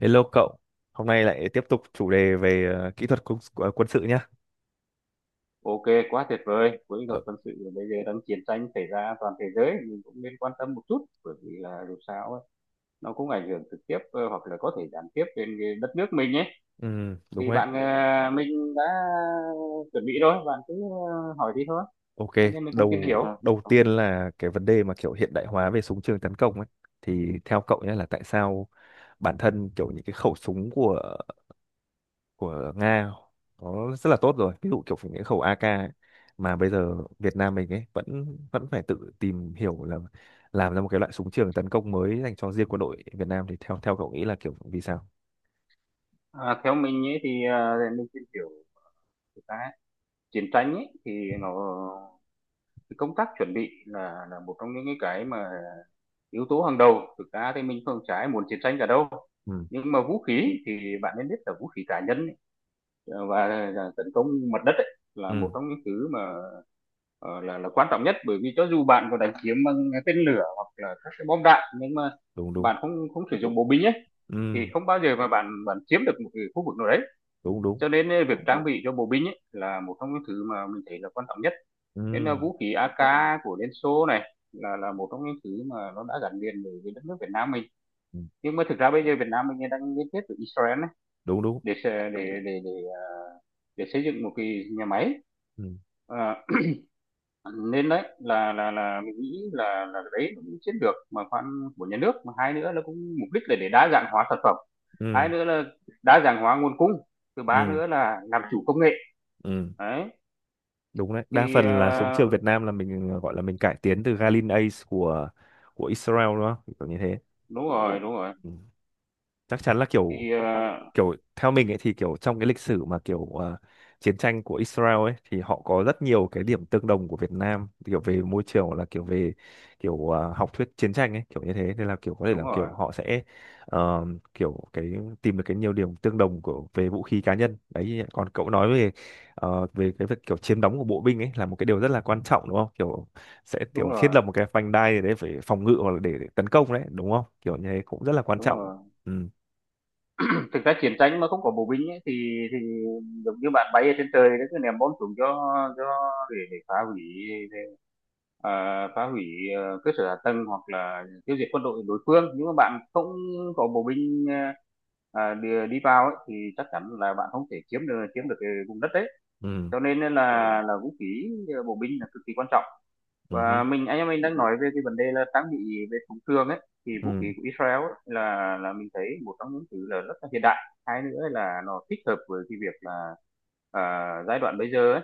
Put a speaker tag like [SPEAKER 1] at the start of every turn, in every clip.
[SPEAKER 1] Hello cậu, hôm nay lại tiếp tục chủ đề về kỹ thuật quân sự nhá.
[SPEAKER 2] Ok, quá tuyệt vời. Với
[SPEAKER 1] Ờ,
[SPEAKER 2] luật quân sự bây giờ đang chiến tranh xảy ra toàn thế giới, mình cũng nên quan tâm một chút bởi vì là dù sao ấy, nó cũng ảnh hưởng trực tiếp, hoặc là có thể gián tiếp đến cái đất nước mình ấy.
[SPEAKER 1] đúng
[SPEAKER 2] Thì
[SPEAKER 1] đấy.
[SPEAKER 2] bạn, mình đã chuẩn bị rồi, bạn cứ hỏi đi thôi.
[SPEAKER 1] Ok,
[SPEAKER 2] Anh em mình cùng tìm hiểu.
[SPEAKER 1] đầu đầu tiên là cái vấn đề mà kiểu hiện đại hóa về súng trường tấn công ấy. Thì theo cậu nhé là tại sao bản thân kiểu những cái khẩu súng của Nga nó rất là tốt rồi. Ví dụ kiểu những cái khẩu AK ấy, mà bây giờ Việt Nam mình ấy vẫn vẫn phải tự tìm hiểu là làm ra một cái loại súng trường tấn công mới dành cho riêng quân đội Việt Nam thì theo theo cậu nghĩ là kiểu vì sao?
[SPEAKER 2] Theo mình ấy thì để mình tìm hiểu cái chiến tranh ấy thì nó, cái công tác chuẩn bị là một trong những cái mà yếu tố hàng đầu, thực ra thì mình không trái muốn chiến tranh cả đâu.
[SPEAKER 1] Ừ,
[SPEAKER 2] Nhưng mà vũ khí thì bạn nên biết là vũ khí cá nhân ấy, và tấn công mặt đất ấy, là một
[SPEAKER 1] ừ,
[SPEAKER 2] trong những thứ mà ờ, là quan trọng nhất, bởi vì cho dù bạn có đánh chiếm bằng tên lửa hoặc là các cái bom đạn, nhưng mà
[SPEAKER 1] đúng, đúng.
[SPEAKER 2] bạn không không sử dụng bộ binh ấy thì
[SPEAKER 1] Ừ,
[SPEAKER 2] không bao giờ mà bạn bạn chiếm được một cái khu vực nào đấy.
[SPEAKER 1] đúng, đúng.
[SPEAKER 2] Cho nên ấy, việc trang bị cho bộ binh ấy, là một trong những thứ mà mình thấy là quan trọng nhất. Nên là
[SPEAKER 1] Ừ,
[SPEAKER 2] vũ khí AK của Liên Xô này là một trong những thứ mà nó đã gắn liền với đất nước Việt Nam mình.
[SPEAKER 1] ừ,
[SPEAKER 2] Nhưng mà thực ra bây giờ Việt Nam mình đang liên kết với Israel ấy,
[SPEAKER 1] đúng, đúng.
[SPEAKER 2] để để xây dựng một cái nhà máy.
[SPEAKER 1] Ừ,
[SPEAKER 2] À, Nên đấy là mình nghĩ là đấy là cũng chiến lược mà khoan của nhà nước, mà hai nữa là cũng mục đích là để đa dạng hóa sản phẩm, hai
[SPEAKER 1] ừ,
[SPEAKER 2] nữa là đa dạng hóa nguồn cung, thứ ba
[SPEAKER 1] ừ,
[SPEAKER 2] nữa là làm chủ công nghệ.
[SPEAKER 1] ừ,
[SPEAKER 2] Đấy.
[SPEAKER 1] đúng đấy. Đa
[SPEAKER 2] Thì
[SPEAKER 1] phần là súng trường Việt Nam là mình gọi là mình cải tiến từ Galil Ace của Israel đúng không kiểu như thế.
[SPEAKER 2] đúng rồi, đúng rồi.
[SPEAKER 1] Ừ. Chắc chắn là kiểu
[SPEAKER 2] Thì
[SPEAKER 1] kiểu theo mình ấy thì kiểu trong cái lịch sử mà kiểu chiến tranh của Israel ấy thì họ có rất nhiều
[SPEAKER 2] ừ,
[SPEAKER 1] cái điểm tương đồng của Việt Nam kiểu về môi trường hoặc là kiểu
[SPEAKER 2] đúng,
[SPEAKER 1] về kiểu học thuyết chiến tranh ấy kiểu như thế nên là kiểu có thể
[SPEAKER 2] đúng
[SPEAKER 1] là
[SPEAKER 2] rồi,
[SPEAKER 1] kiểu họ sẽ ờ, kiểu cái tìm được cái nhiều điểm tương đồng của về vũ khí cá nhân đấy. Còn cậu nói về về cái việc kiểu chiếm đóng của bộ binh ấy là một cái điều rất là quan trọng đúng không, kiểu sẽ
[SPEAKER 2] đúng
[SPEAKER 1] kiểu thiết
[SPEAKER 2] rồi,
[SPEAKER 1] lập một cái vành đai để phòng ngự hoặc là để tấn công đấy, đúng không kiểu như thế cũng rất là quan
[SPEAKER 2] đúng
[SPEAKER 1] trọng.
[SPEAKER 2] rồi.
[SPEAKER 1] Ừ.
[SPEAKER 2] Thực ra chiến tranh mà không có bộ binh ấy, thì thì giống như bạn bay ở trên trời nó cứ ném bom xuống, cho để phá hủy, để, à, phá hủy cơ sở hạ tầng hoặc là tiêu diệt quân đội đối phương, nhưng mà bạn không có bộ binh đi vào ấy, thì chắc chắn là bạn không thể chiếm được cái vùng đất đấy.
[SPEAKER 1] Ừ.
[SPEAKER 2] Cho nên là vũ khí bộ binh là cực kỳ quan trọng.
[SPEAKER 1] Ừ.
[SPEAKER 2] Và anh em mình đang nói về cái vấn đề là trang bị về súng trường ấy, thì vũ khí
[SPEAKER 1] Ừ.
[SPEAKER 2] của Israel ấy, là mình thấy một trong những thứ là rất là hiện đại. Hai nữa là nó thích hợp với cái việc là à, giai đoạn bây giờ ấy,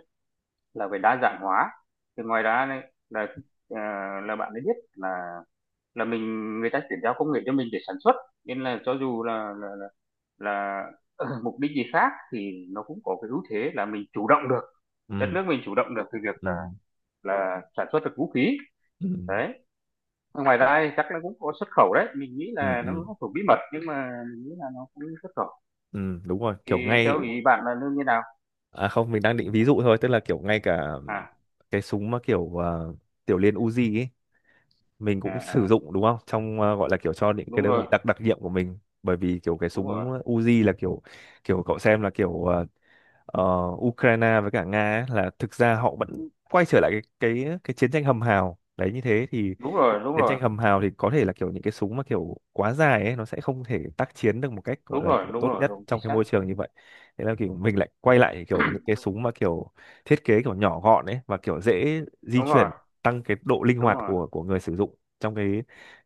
[SPEAKER 2] là về đa dạng hóa. Thì ngoài ra này là à, bạn ấy biết là, mình, người ta chuyển giao công nghệ cho mình để sản xuất, nên là cho dù là mục đích gì khác thì nó cũng có cái ưu thế là mình chủ động được, đất
[SPEAKER 1] Ừ.
[SPEAKER 2] nước mình chủ động được từ việc là
[SPEAKER 1] Ừ.
[SPEAKER 2] sản xuất được vũ khí.
[SPEAKER 1] Ừ.
[SPEAKER 2] Đấy. Ngoài ra chắc nó cũng có xuất khẩu đấy, mình nghĩ
[SPEAKER 1] Ừ.
[SPEAKER 2] là nó
[SPEAKER 1] Ừ.
[SPEAKER 2] cũng thuộc bí mật nhưng mà mình nghĩ là nó cũng xuất khẩu.
[SPEAKER 1] Ừ, đúng rồi
[SPEAKER 2] Thì
[SPEAKER 1] kiểu ngay.
[SPEAKER 2] theo ý bạn là lương như nào?
[SPEAKER 1] À không, mình đang định ví dụ thôi, tức là kiểu ngay cả
[SPEAKER 2] à,
[SPEAKER 1] cái súng mà kiểu tiểu liên Uzi ấy mình cũng
[SPEAKER 2] à,
[SPEAKER 1] sử
[SPEAKER 2] à
[SPEAKER 1] dụng đúng không, trong gọi là kiểu cho những cái
[SPEAKER 2] đúng
[SPEAKER 1] đơn
[SPEAKER 2] rồi,
[SPEAKER 1] vị đặc đặc nhiệm của mình. Bởi vì kiểu cái
[SPEAKER 2] đúng
[SPEAKER 1] súng
[SPEAKER 2] rồi,
[SPEAKER 1] Uzi là kiểu kiểu cậu xem là kiểu ờ, Ukraine với cả Nga ấy, là thực ra họ vẫn quay trở lại cái chiến tranh hầm hào đấy như thế thì
[SPEAKER 2] đúng rồi, đúng
[SPEAKER 1] chiến
[SPEAKER 2] rồi,
[SPEAKER 1] tranh hầm hào thì có thể là kiểu những cái súng mà kiểu quá dài ấy nó sẽ không thể tác chiến được một cách gọi
[SPEAKER 2] đúng
[SPEAKER 1] là
[SPEAKER 2] rồi,
[SPEAKER 1] kiểu
[SPEAKER 2] đúng
[SPEAKER 1] tốt
[SPEAKER 2] rồi,
[SPEAKER 1] nhất
[SPEAKER 2] đúng
[SPEAKER 1] trong
[SPEAKER 2] chính
[SPEAKER 1] cái
[SPEAKER 2] xác.
[SPEAKER 1] môi trường như vậy. Thế là kiểu mình lại quay lại kiểu những cái súng mà kiểu thiết kế kiểu nhỏ gọn ấy và kiểu dễ di
[SPEAKER 2] Đúng rồi,
[SPEAKER 1] chuyển, tăng cái độ linh
[SPEAKER 2] đúng
[SPEAKER 1] hoạt
[SPEAKER 2] rồi.
[SPEAKER 1] của người sử dụng trong cái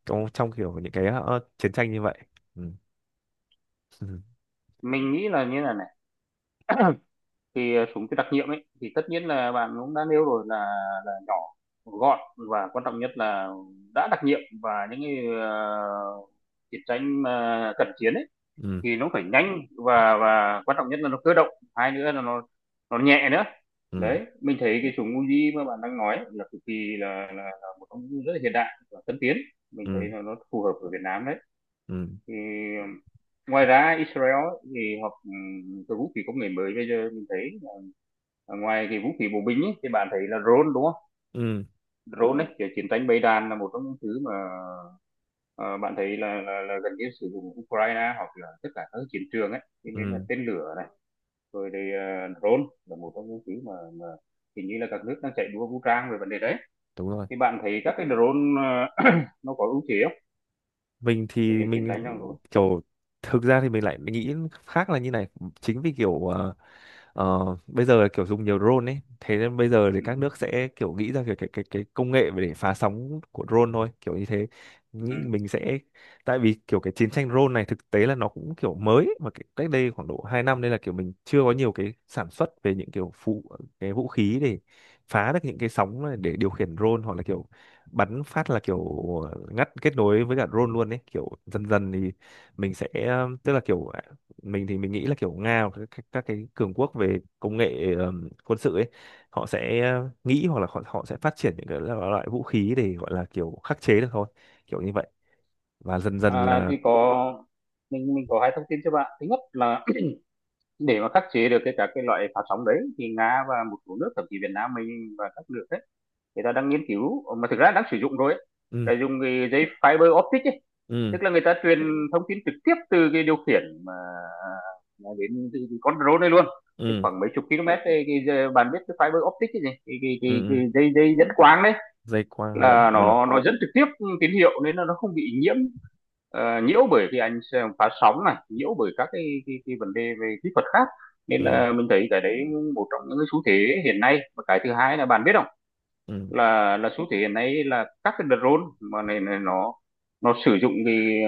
[SPEAKER 1] trong trong kiểu những cái chiến tranh như vậy. Ừ.
[SPEAKER 2] Mình nghĩ là như là này. Thì súng cái đặc nhiệm ấy thì tất nhiên là bạn cũng đã nêu rồi là nhỏ gọn, và quan trọng nhất là đã đặc nhiệm, và những cái chiến tranh mà cận chiến ấy
[SPEAKER 1] Ừ.
[SPEAKER 2] thì nó phải nhanh, và quan trọng nhất là nó cơ động, hai nữa là nó nhẹ nữa.
[SPEAKER 1] Ừ.
[SPEAKER 2] Đấy mình thấy cái súng Uzi mà bạn đang nói là cực kỳ là một công cụ rất là hiện đại và tân tiến,
[SPEAKER 1] Ừ.
[SPEAKER 2] mình thấy
[SPEAKER 1] Ừ.
[SPEAKER 2] là nó phù hợp ở Việt Nam đấy.
[SPEAKER 1] Ừ.
[SPEAKER 2] Thì um, ngoài ra Israel ấy, thì họ cái vũ khí công nghệ mới bây giờ mình thấy là, ngoài cái vũ khí bộ binh ấy, thì bạn thấy là drone đúng không.
[SPEAKER 1] Ừ.
[SPEAKER 2] Drone ấy kiểu chiến tranh bầy đàn là một trong những thứ mà ờ, bạn thấy là gần như sử dụng Ukraine hoặc là tất cả các chiến trường ấy, cho nên là
[SPEAKER 1] Ừ.
[SPEAKER 2] tên lửa rồi thì drone là một trong những thứ mà hình như là các nước đang chạy đua vũ trang về vấn đề đấy.
[SPEAKER 1] Đúng rồi,
[SPEAKER 2] Thì bạn thấy các cái drone, ờ, nó có ưu thế không
[SPEAKER 1] mình
[SPEAKER 2] thì
[SPEAKER 1] thì
[SPEAKER 2] để chiến
[SPEAKER 1] mình
[SPEAKER 2] tranh trong rồi.
[SPEAKER 1] kiểu thực ra thì mình lại nghĩ khác là như này. Chính vì kiểu bây giờ là kiểu dùng nhiều drone ấy thế nên bây giờ thì
[SPEAKER 2] Ừ.
[SPEAKER 1] các nước sẽ kiểu nghĩ ra kiểu cái công nghệ để phá sóng của drone thôi kiểu như thế.
[SPEAKER 2] Ừ.
[SPEAKER 1] Nghĩ mình sẽ tại vì kiểu cái chiến tranh drone này thực tế là nó cũng kiểu mới ấy, mà cái, cách đây khoảng độ 2 năm nên là kiểu mình chưa có nhiều cái sản xuất về những kiểu phụ cái vũ khí để phá được những cái sóng này để điều khiển drone hoặc là kiểu bắn phát là kiểu ngắt kết nối với cả drone luôn ấy kiểu dần dần thì mình sẽ tức là kiểu mình thì mình nghĩ là kiểu Nga hoặc các cái cường quốc về công nghệ quân sự ấy họ sẽ nghĩ hoặc là họ sẽ phát triển những cái loại vũ khí để gọi là kiểu khắc chế được thôi kiểu như vậy và dần dần là.
[SPEAKER 2] Thì có, mình có hai thông tin cho bạn. Thứ nhất là, để mà khắc chế được các cái loại phát sóng đấy, thì Nga và một số nước, thậm chí Việt Nam mình và các nước đấy người ta đang nghiên cứu. Ờ, mà thực ra đang sử dụng rồi ấy,
[SPEAKER 1] Ừ,
[SPEAKER 2] là dùng cái dây fiber optic ấy,
[SPEAKER 1] ừ,
[SPEAKER 2] tức là người ta truyền thông tin trực tiếp từ cái điều khiển mà đến con drone này luôn, cái
[SPEAKER 1] ừ,
[SPEAKER 2] khoảng mấy chục km đây, bạn biết cái fiber optic, cái gì, cái, cái,
[SPEAKER 1] ừ,
[SPEAKER 2] cái,
[SPEAKER 1] ừ.
[SPEAKER 2] cái dây dây dẫn quang đấy,
[SPEAKER 1] Dây quang lẫn.
[SPEAKER 2] là
[SPEAKER 1] Ừ.
[SPEAKER 2] nó dẫn trực tiếp tín hiệu, nên là nó không bị nhiễm nhiễu bởi cái ánh phá sóng này, nhiễu bởi các cái vấn đề về kỹ thuật khác, nên
[SPEAKER 1] Ừ.
[SPEAKER 2] là mình thấy cái đấy một trong những cái xu thế hiện nay. Và cái thứ hai là bạn biết không,
[SPEAKER 1] Ừ.
[SPEAKER 2] là xu thế hiện nay là các cái drone mà này, này nó, sử dụng cái,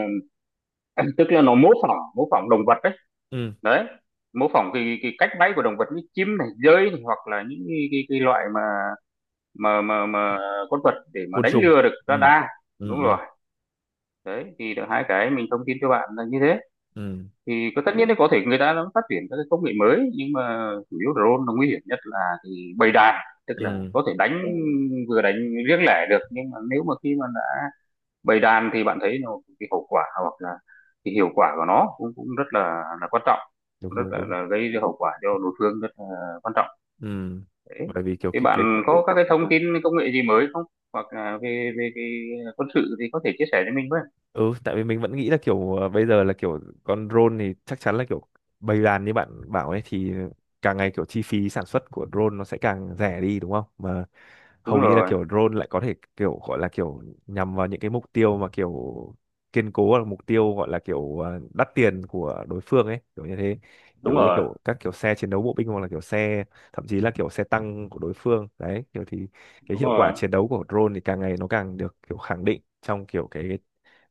[SPEAKER 2] tức là nó mô phỏng động vật đấy.
[SPEAKER 1] Ừ.
[SPEAKER 2] Đấy, mô phỏng cái cách bay của động vật như chim này, dơi này, hoặc là những cái loại mà con vật để mà
[SPEAKER 1] Côn
[SPEAKER 2] đánh
[SPEAKER 1] trùng.
[SPEAKER 2] lừa được
[SPEAKER 1] Ừ.
[SPEAKER 2] radar.
[SPEAKER 1] Ừ.
[SPEAKER 2] Đúng rồi.
[SPEAKER 1] Ừ.
[SPEAKER 2] Đấy thì được hai cái mình thông tin cho bạn là như thế.
[SPEAKER 1] Ừ.
[SPEAKER 2] Thì có, tất nhiên là có thể người ta nó phát triển các cái công nghệ mới, nhưng mà chủ yếu drone nó nguy hiểm nhất là cái bầy đàn, tức là
[SPEAKER 1] Ừ,
[SPEAKER 2] có thể đánh, vừa đánh riêng lẻ được, nhưng mà nếu mà khi mà đã bầy đàn thì bạn thấy nó cái hậu quả, hoặc là cái hiệu quả của nó cũng cũng rất là quan trọng,
[SPEAKER 1] đúng,
[SPEAKER 2] rất
[SPEAKER 1] đúng,
[SPEAKER 2] là,
[SPEAKER 1] đúng.
[SPEAKER 2] là gây hậu quả cho đối phương rất là quan trọng.
[SPEAKER 1] Ừ,
[SPEAKER 2] Đấy.
[SPEAKER 1] bởi vì kiểu
[SPEAKER 2] Thì
[SPEAKER 1] cái cái
[SPEAKER 2] bạn có các cái thông tin công nghệ gì mới không, hoặc là về về cái quân sự thì có thể chia sẻ cho mình với.
[SPEAKER 1] Ừ, tại vì mình vẫn nghĩ là kiểu bây giờ là kiểu con drone thì chắc chắn là kiểu bầy đàn như bạn bảo ấy thì càng ngày kiểu chi phí sản xuất của drone nó sẽ càng rẻ đi đúng không mà
[SPEAKER 2] Đúng
[SPEAKER 1] hầu như là
[SPEAKER 2] rồi,
[SPEAKER 1] kiểu drone lại có thể kiểu gọi là kiểu nhằm vào những cái mục tiêu mà kiểu kiên cố hoặc là mục tiêu gọi là kiểu đắt tiền của đối phương ấy kiểu như thế,
[SPEAKER 2] đúng
[SPEAKER 1] kiểu như
[SPEAKER 2] rồi,
[SPEAKER 1] kiểu các kiểu xe chiến đấu bộ binh hoặc là kiểu xe thậm chí là kiểu xe tăng của đối phương đấy kiểu thì cái
[SPEAKER 2] đúng
[SPEAKER 1] hiệu quả
[SPEAKER 2] rồi.
[SPEAKER 1] chiến đấu của drone thì càng ngày nó càng được kiểu khẳng định trong kiểu cái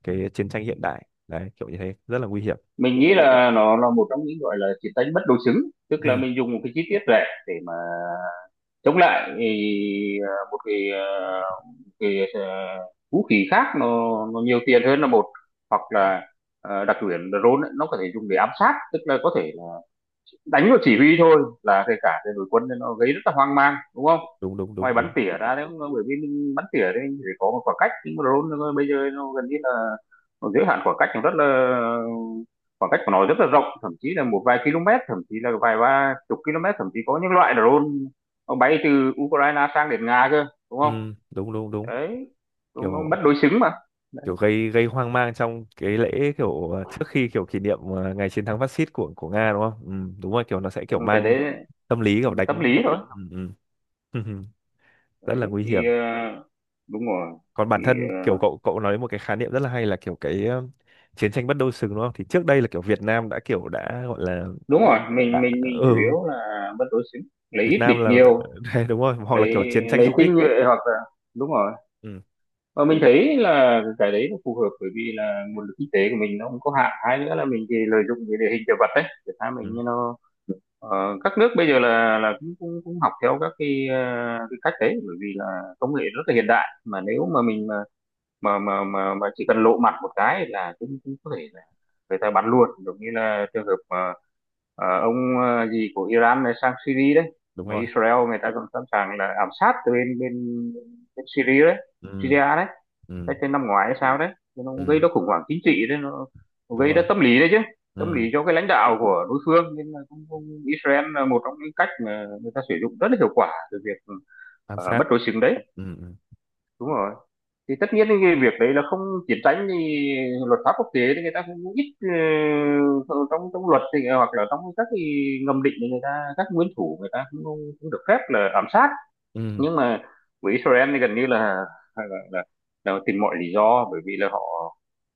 [SPEAKER 1] cái chiến tranh hiện đại đấy kiểu như thế rất là nguy hiểm.
[SPEAKER 2] Mình nghĩ là nó là một trong những gọi là chiến tranh bất đối xứng, tức là
[SPEAKER 1] Ừ,
[SPEAKER 2] mình dùng một cái chi tiết rẻ để mà chống lại thì, một cái, cái vũ khí khác nó nhiều tiền hơn là một, hoặc là đặc quyền drone ấy, nó có thể dùng để ám sát, tức là có thể là đánh vào chỉ huy thôi là kể cả cái đội quân, nên nó gây rất là hoang mang đúng không.
[SPEAKER 1] đúng, đúng,
[SPEAKER 2] Ngoài
[SPEAKER 1] đúng,
[SPEAKER 2] bắn
[SPEAKER 1] đúng.
[SPEAKER 2] tỉa ra đấy, bởi vì mình bắn tỉa đấy thì phải có một khoảng cách, nhưng mà bây giờ nó gần như là, nó giới hạn khoảng cách cũng rất là, khoảng cách của nó rất là rộng, thậm chí là một vài km, thậm chí là vài ba chục km, thậm chí có những loại drone nó bay từ Ukraine sang đến Nga cơ đúng không.
[SPEAKER 1] Ừ, đúng, đúng, đúng.
[SPEAKER 2] Đấy. Đúng,
[SPEAKER 1] kiểu
[SPEAKER 2] đúng, mất đối xứng mà. Đấy.
[SPEAKER 1] kiểu gây gây hoang mang trong cái lễ kiểu trước khi kiểu kỷ niệm ngày chiến thắng phát xít của Nga đúng không. Ừ, đúng rồi kiểu nó sẽ kiểu
[SPEAKER 2] Nhưng cái
[SPEAKER 1] mang
[SPEAKER 2] đấy
[SPEAKER 1] tâm lý kiểu
[SPEAKER 2] tâm
[SPEAKER 1] đánh.
[SPEAKER 2] lý thôi.
[SPEAKER 1] Ừ, ừ. Rất là
[SPEAKER 2] Đấy
[SPEAKER 1] nguy hiểm.
[SPEAKER 2] thì đúng rồi.
[SPEAKER 1] Còn bản
[SPEAKER 2] Thì
[SPEAKER 1] thân kiểu
[SPEAKER 2] ờ,
[SPEAKER 1] cậu cậu nói một cái khái niệm rất là hay là kiểu cái chiến tranh bất đối xứng đúng không, thì trước đây là kiểu Việt Nam đã kiểu đã gọi là
[SPEAKER 2] đúng rồi, mình
[SPEAKER 1] đã.
[SPEAKER 2] mình mình chủ
[SPEAKER 1] Ừ.
[SPEAKER 2] yếu là mất đối xứng, lấy
[SPEAKER 1] Việt
[SPEAKER 2] ít
[SPEAKER 1] Nam
[SPEAKER 2] địch
[SPEAKER 1] là.
[SPEAKER 2] nhiều,
[SPEAKER 1] Đấy, đúng rồi hoặc là
[SPEAKER 2] lấy
[SPEAKER 1] kiểu chiến tranh
[SPEAKER 2] lấy
[SPEAKER 1] du kích.
[SPEAKER 2] tinh nhuệ, hoặc là đúng rồi.
[SPEAKER 1] Ừ,
[SPEAKER 2] Và mình thấy là cái đấy nó phù hợp bởi vì là nguồn lực kinh tế của mình nó không có hạn, hay nữa là mình thì lợi dụng cái địa hình địa vật đấy để tha mình
[SPEAKER 1] ừ,
[SPEAKER 2] như nó, các nước bây giờ là cũng cũng, cũng học theo các cái, cái cách đấy, bởi vì là công nghệ rất là hiện đại mà nếu mà mình mà chỉ cần lộ mặt một cái là cũng cũng có thể là người ta bắn luôn, giống như là trường hợp mà ông gì của Iran này sang Syria đấy,
[SPEAKER 1] đúng
[SPEAKER 2] mà
[SPEAKER 1] rồi.
[SPEAKER 2] Israel người ta còn sẵn sàng là ám sát từ bên bên, bên Syria đấy.
[SPEAKER 1] Ừ.
[SPEAKER 2] Syria đấy
[SPEAKER 1] Ừ.
[SPEAKER 2] cái năm ngoái hay sao đấy. Thế nó cũng gây
[SPEAKER 1] Ừ,
[SPEAKER 2] ra khủng hoảng chính trị đấy, nó
[SPEAKER 1] đúng
[SPEAKER 2] gây ra
[SPEAKER 1] rồi.
[SPEAKER 2] tâm lý đấy chứ, tâm
[SPEAKER 1] Ừ.
[SPEAKER 2] lý cho cái lãnh đạo của đối phương, nên là cũng Israel là một trong những cách mà người ta sử dụng rất là hiệu quả từ việc
[SPEAKER 1] Ám sát.
[SPEAKER 2] bất đối xứng đấy.
[SPEAKER 1] Ừ. Ừ.
[SPEAKER 2] Đúng rồi. Thì tất nhiên cái việc đấy là không, chiến tranh thì luật pháp quốc tế thì người ta cũng ít ờ, trong trong luật thì, hoặc là trong các cái ngầm định thì người ta, các nguyên thủ người ta cũng được phép là ám sát.
[SPEAKER 1] Ừ,
[SPEAKER 2] Nhưng mà với Israel thì gần như là là, là, là tìm mọi lý do, bởi vì là họ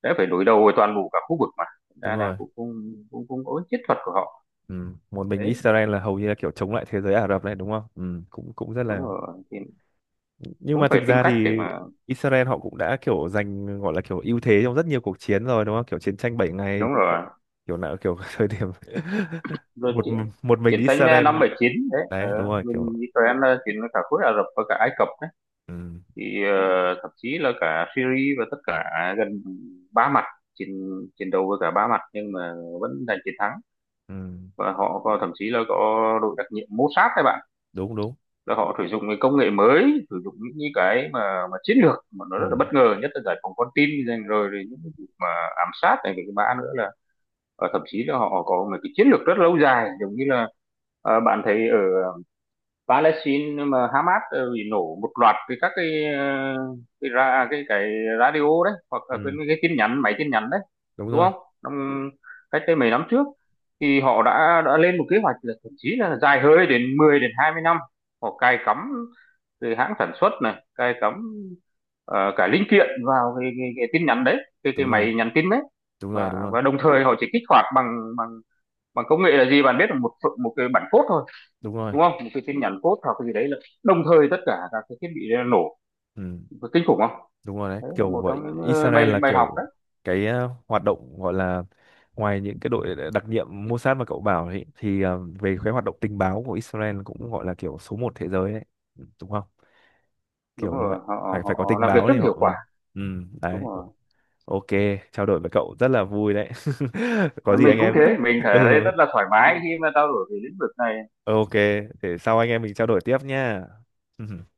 [SPEAKER 2] đã phải đối đầu với toàn bộ cả khu vực mà. Thành
[SPEAKER 1] đúng
[SPEAKER 2] ra là
[SPEAKER 1] rồi.
[SPEAKER 2] cũng có chiến thuật của họ
[SPEAKER 1] Ừ. Một mình
[SPEAKER 2] đấy.
[SPEAKER 1] Israel là hầu như là kiểu chống lại thế giới Ả Rập này đúng không. Ừ, cũng cũng rất
[SPEAKER 2] Đúng
[SPEAKER 1] là.
[SPEAKER 2] rồi. Thì
[SPEAKER 1] Nhưng
[SPEAKER 2] cũng
[SPEAKER 1] mà
[SPEAKER 2] phải
[SPEAKER 1] thực
[SPEAKER 2] tìm
[SPEAKER 1] ra
[SPEAKER 2] cách để
[SPEAKER 1] thì
[SPEAKER 2] mà
[SPEAKER 1] Israel họ cũng đã kiểu giành gọi là kiểu ưu thế trong rất nhiều cuộc chiến rồi đúng không, kiểu chiến tranh 6 ngày
[SPEAKER 2] đúng rồi.
[SPEAKER 1] kiểu nào kiểu thời điểm
[SPEAKER 2] rồi
[SPEAKER 1] một
[SPEAKER 2] chiến,
[SPEAKER 1] một mình
[SPEAKER 2] chiến tranh năm
[SPEAKER 1] Israel.
[SPEAKER 2] bảy chín đấy,
[SPEAKER 1] Đấy, đúng rồi
[SPEAKER 2] bên
[SPEAKER 1] kiểu.
[SPEAKER 2] Israel là chiến với cả khối Ả Rập và cả Ai Cập đấy,
[SPEAKER 1] Ừ.
[SPEAKER 2] thì thậm chí là cả Syria và tất cả, gần ba mặt, chiến chiến đấu với cả ba mặt nhưng mà vẫn giành chiến thắng.
[SPEAKER 1] Ừ,
[SPEAKER 2] Và họ có, thậm chí là có đội đặc nhiệm Mossad các bạn,
[SPEAKER 1] đúng, đúng.
[SPEAKER 2] là họ sử dụng cái công nghệ mới, sử dụng những cái mà chiến lược mà nó rất là
[SPEAKER 1] Ừ.
[SPEAKER 2] bất ngờ, nhất là giải phóng con tin, rồi những cái vụ mà ám sát này, cái mã nữa là, thậm chí là họ có một cái chiến lược rất lâu dài, giống như là bạn thấy ở Palestine mà Hamas bị nổ một loạt các cái cái ra cái radio đấy, hoặc là cái,
[SPEAKER 1] Ừ,
[SPEAKER 2] cái tin nhắn máy, tin nhắn đấy
[SPEAKER 1] đúng
[SPEAKER 2] đúng
[SPEAKER 1] rồi.
[SPEAKER 2] không. Năm, cách đây mấy năm trước, thì họ đã lên một kế hoạch là thậm chí là dài hơi đến 10 đến 20 năm. Họ cài cắm từ hãng sản xuất này, cài cắm cả linh kiện vào cái tin nhắn đấy, cái
[SPEAKER 1] Đúng rồi.
[SPEAKER 2] máy nhắn tin đấy.
[SPEAKER 1] Đúng rồi.
[SPEAKER 2] Và
[SPEAKER 1] Đúng rồi.
[SPEAKER 2] đồng thời họ chỉ kích hoạt bằng bằng bằng công nghệ là gì, bạn biết là một cái bản code thôi
[SPEAKER 1] Đúng rồi.
[SPEAKER 2] đúng không, một cái tin nhắn code hoặc cái gì đấy, là đồng thời tất cả các cái thiết bị đấy là nổ. Có kinh khủng không.
[SPEAKER 1] Đúng rồi đấy,
[SPEAKER 2] Đấy là
[SPEAKER 1] kiểu
[SPEAKER 2] một trong
[SPEAKER 1] gọi
[SPEAKER 2] những
[SPEAKER 1] Israel
[SPEAKER 2] bài
[SPEAKER 1] là
[SPEAKER 2] bài học
[SPEAKER 1] kiểu
[SPEAKER 2] đấy.
[SPEAKER 1] cái hoạt động gọi là ngoài những cái đội đặc nhiệm Mossad mà cậu bảo ấy thì về cái hoạt động tình báo của Israel cũng gọi là kiểu số một thế giới đấy. Ừ, đúng không?
[SPEAKER 2] Đúng
[SPEAKER 1] Kiểu như vậy,
[SPEAKER 2] rồi, họ
[SPEAKER 1] phải phải có
[SPEAKER 2] họ
[SPEAKER 1] tình
[SPEAKER 2] làm việc
[SPEAKER 1] báo
[SPEAKER 2] rất
[SPEAKER 1] thì
[SPEAKER 2] hiệu
[SPEAKER 1] họ. Ừ,
[SPEAKER 2] quả.
[SPEAKER 1] ừ, đấy.
[SPEAKER 2] Đúng rồi.
[SPEAKER 1] Ok, trao đổi với cậu rất là vui đấy. Có
[SPEAKER 2] Ờ,
[SPEAKER 1] gì
[SPEAKER 2] mình
[SPEAKER 1] anh
[SPEAKER 2] cũng
[SPEAKER 1] em.
[SPEAKER 2] thế, mình thấy
[SPEAKER 1] Ừ,
[SPEAKER 2] rất là thoải mái khi mà trao đổi về lĩnh vực này.
[SPEAKER 1] ừ, ok, để sau anh em mình trao đổi tiếp nha.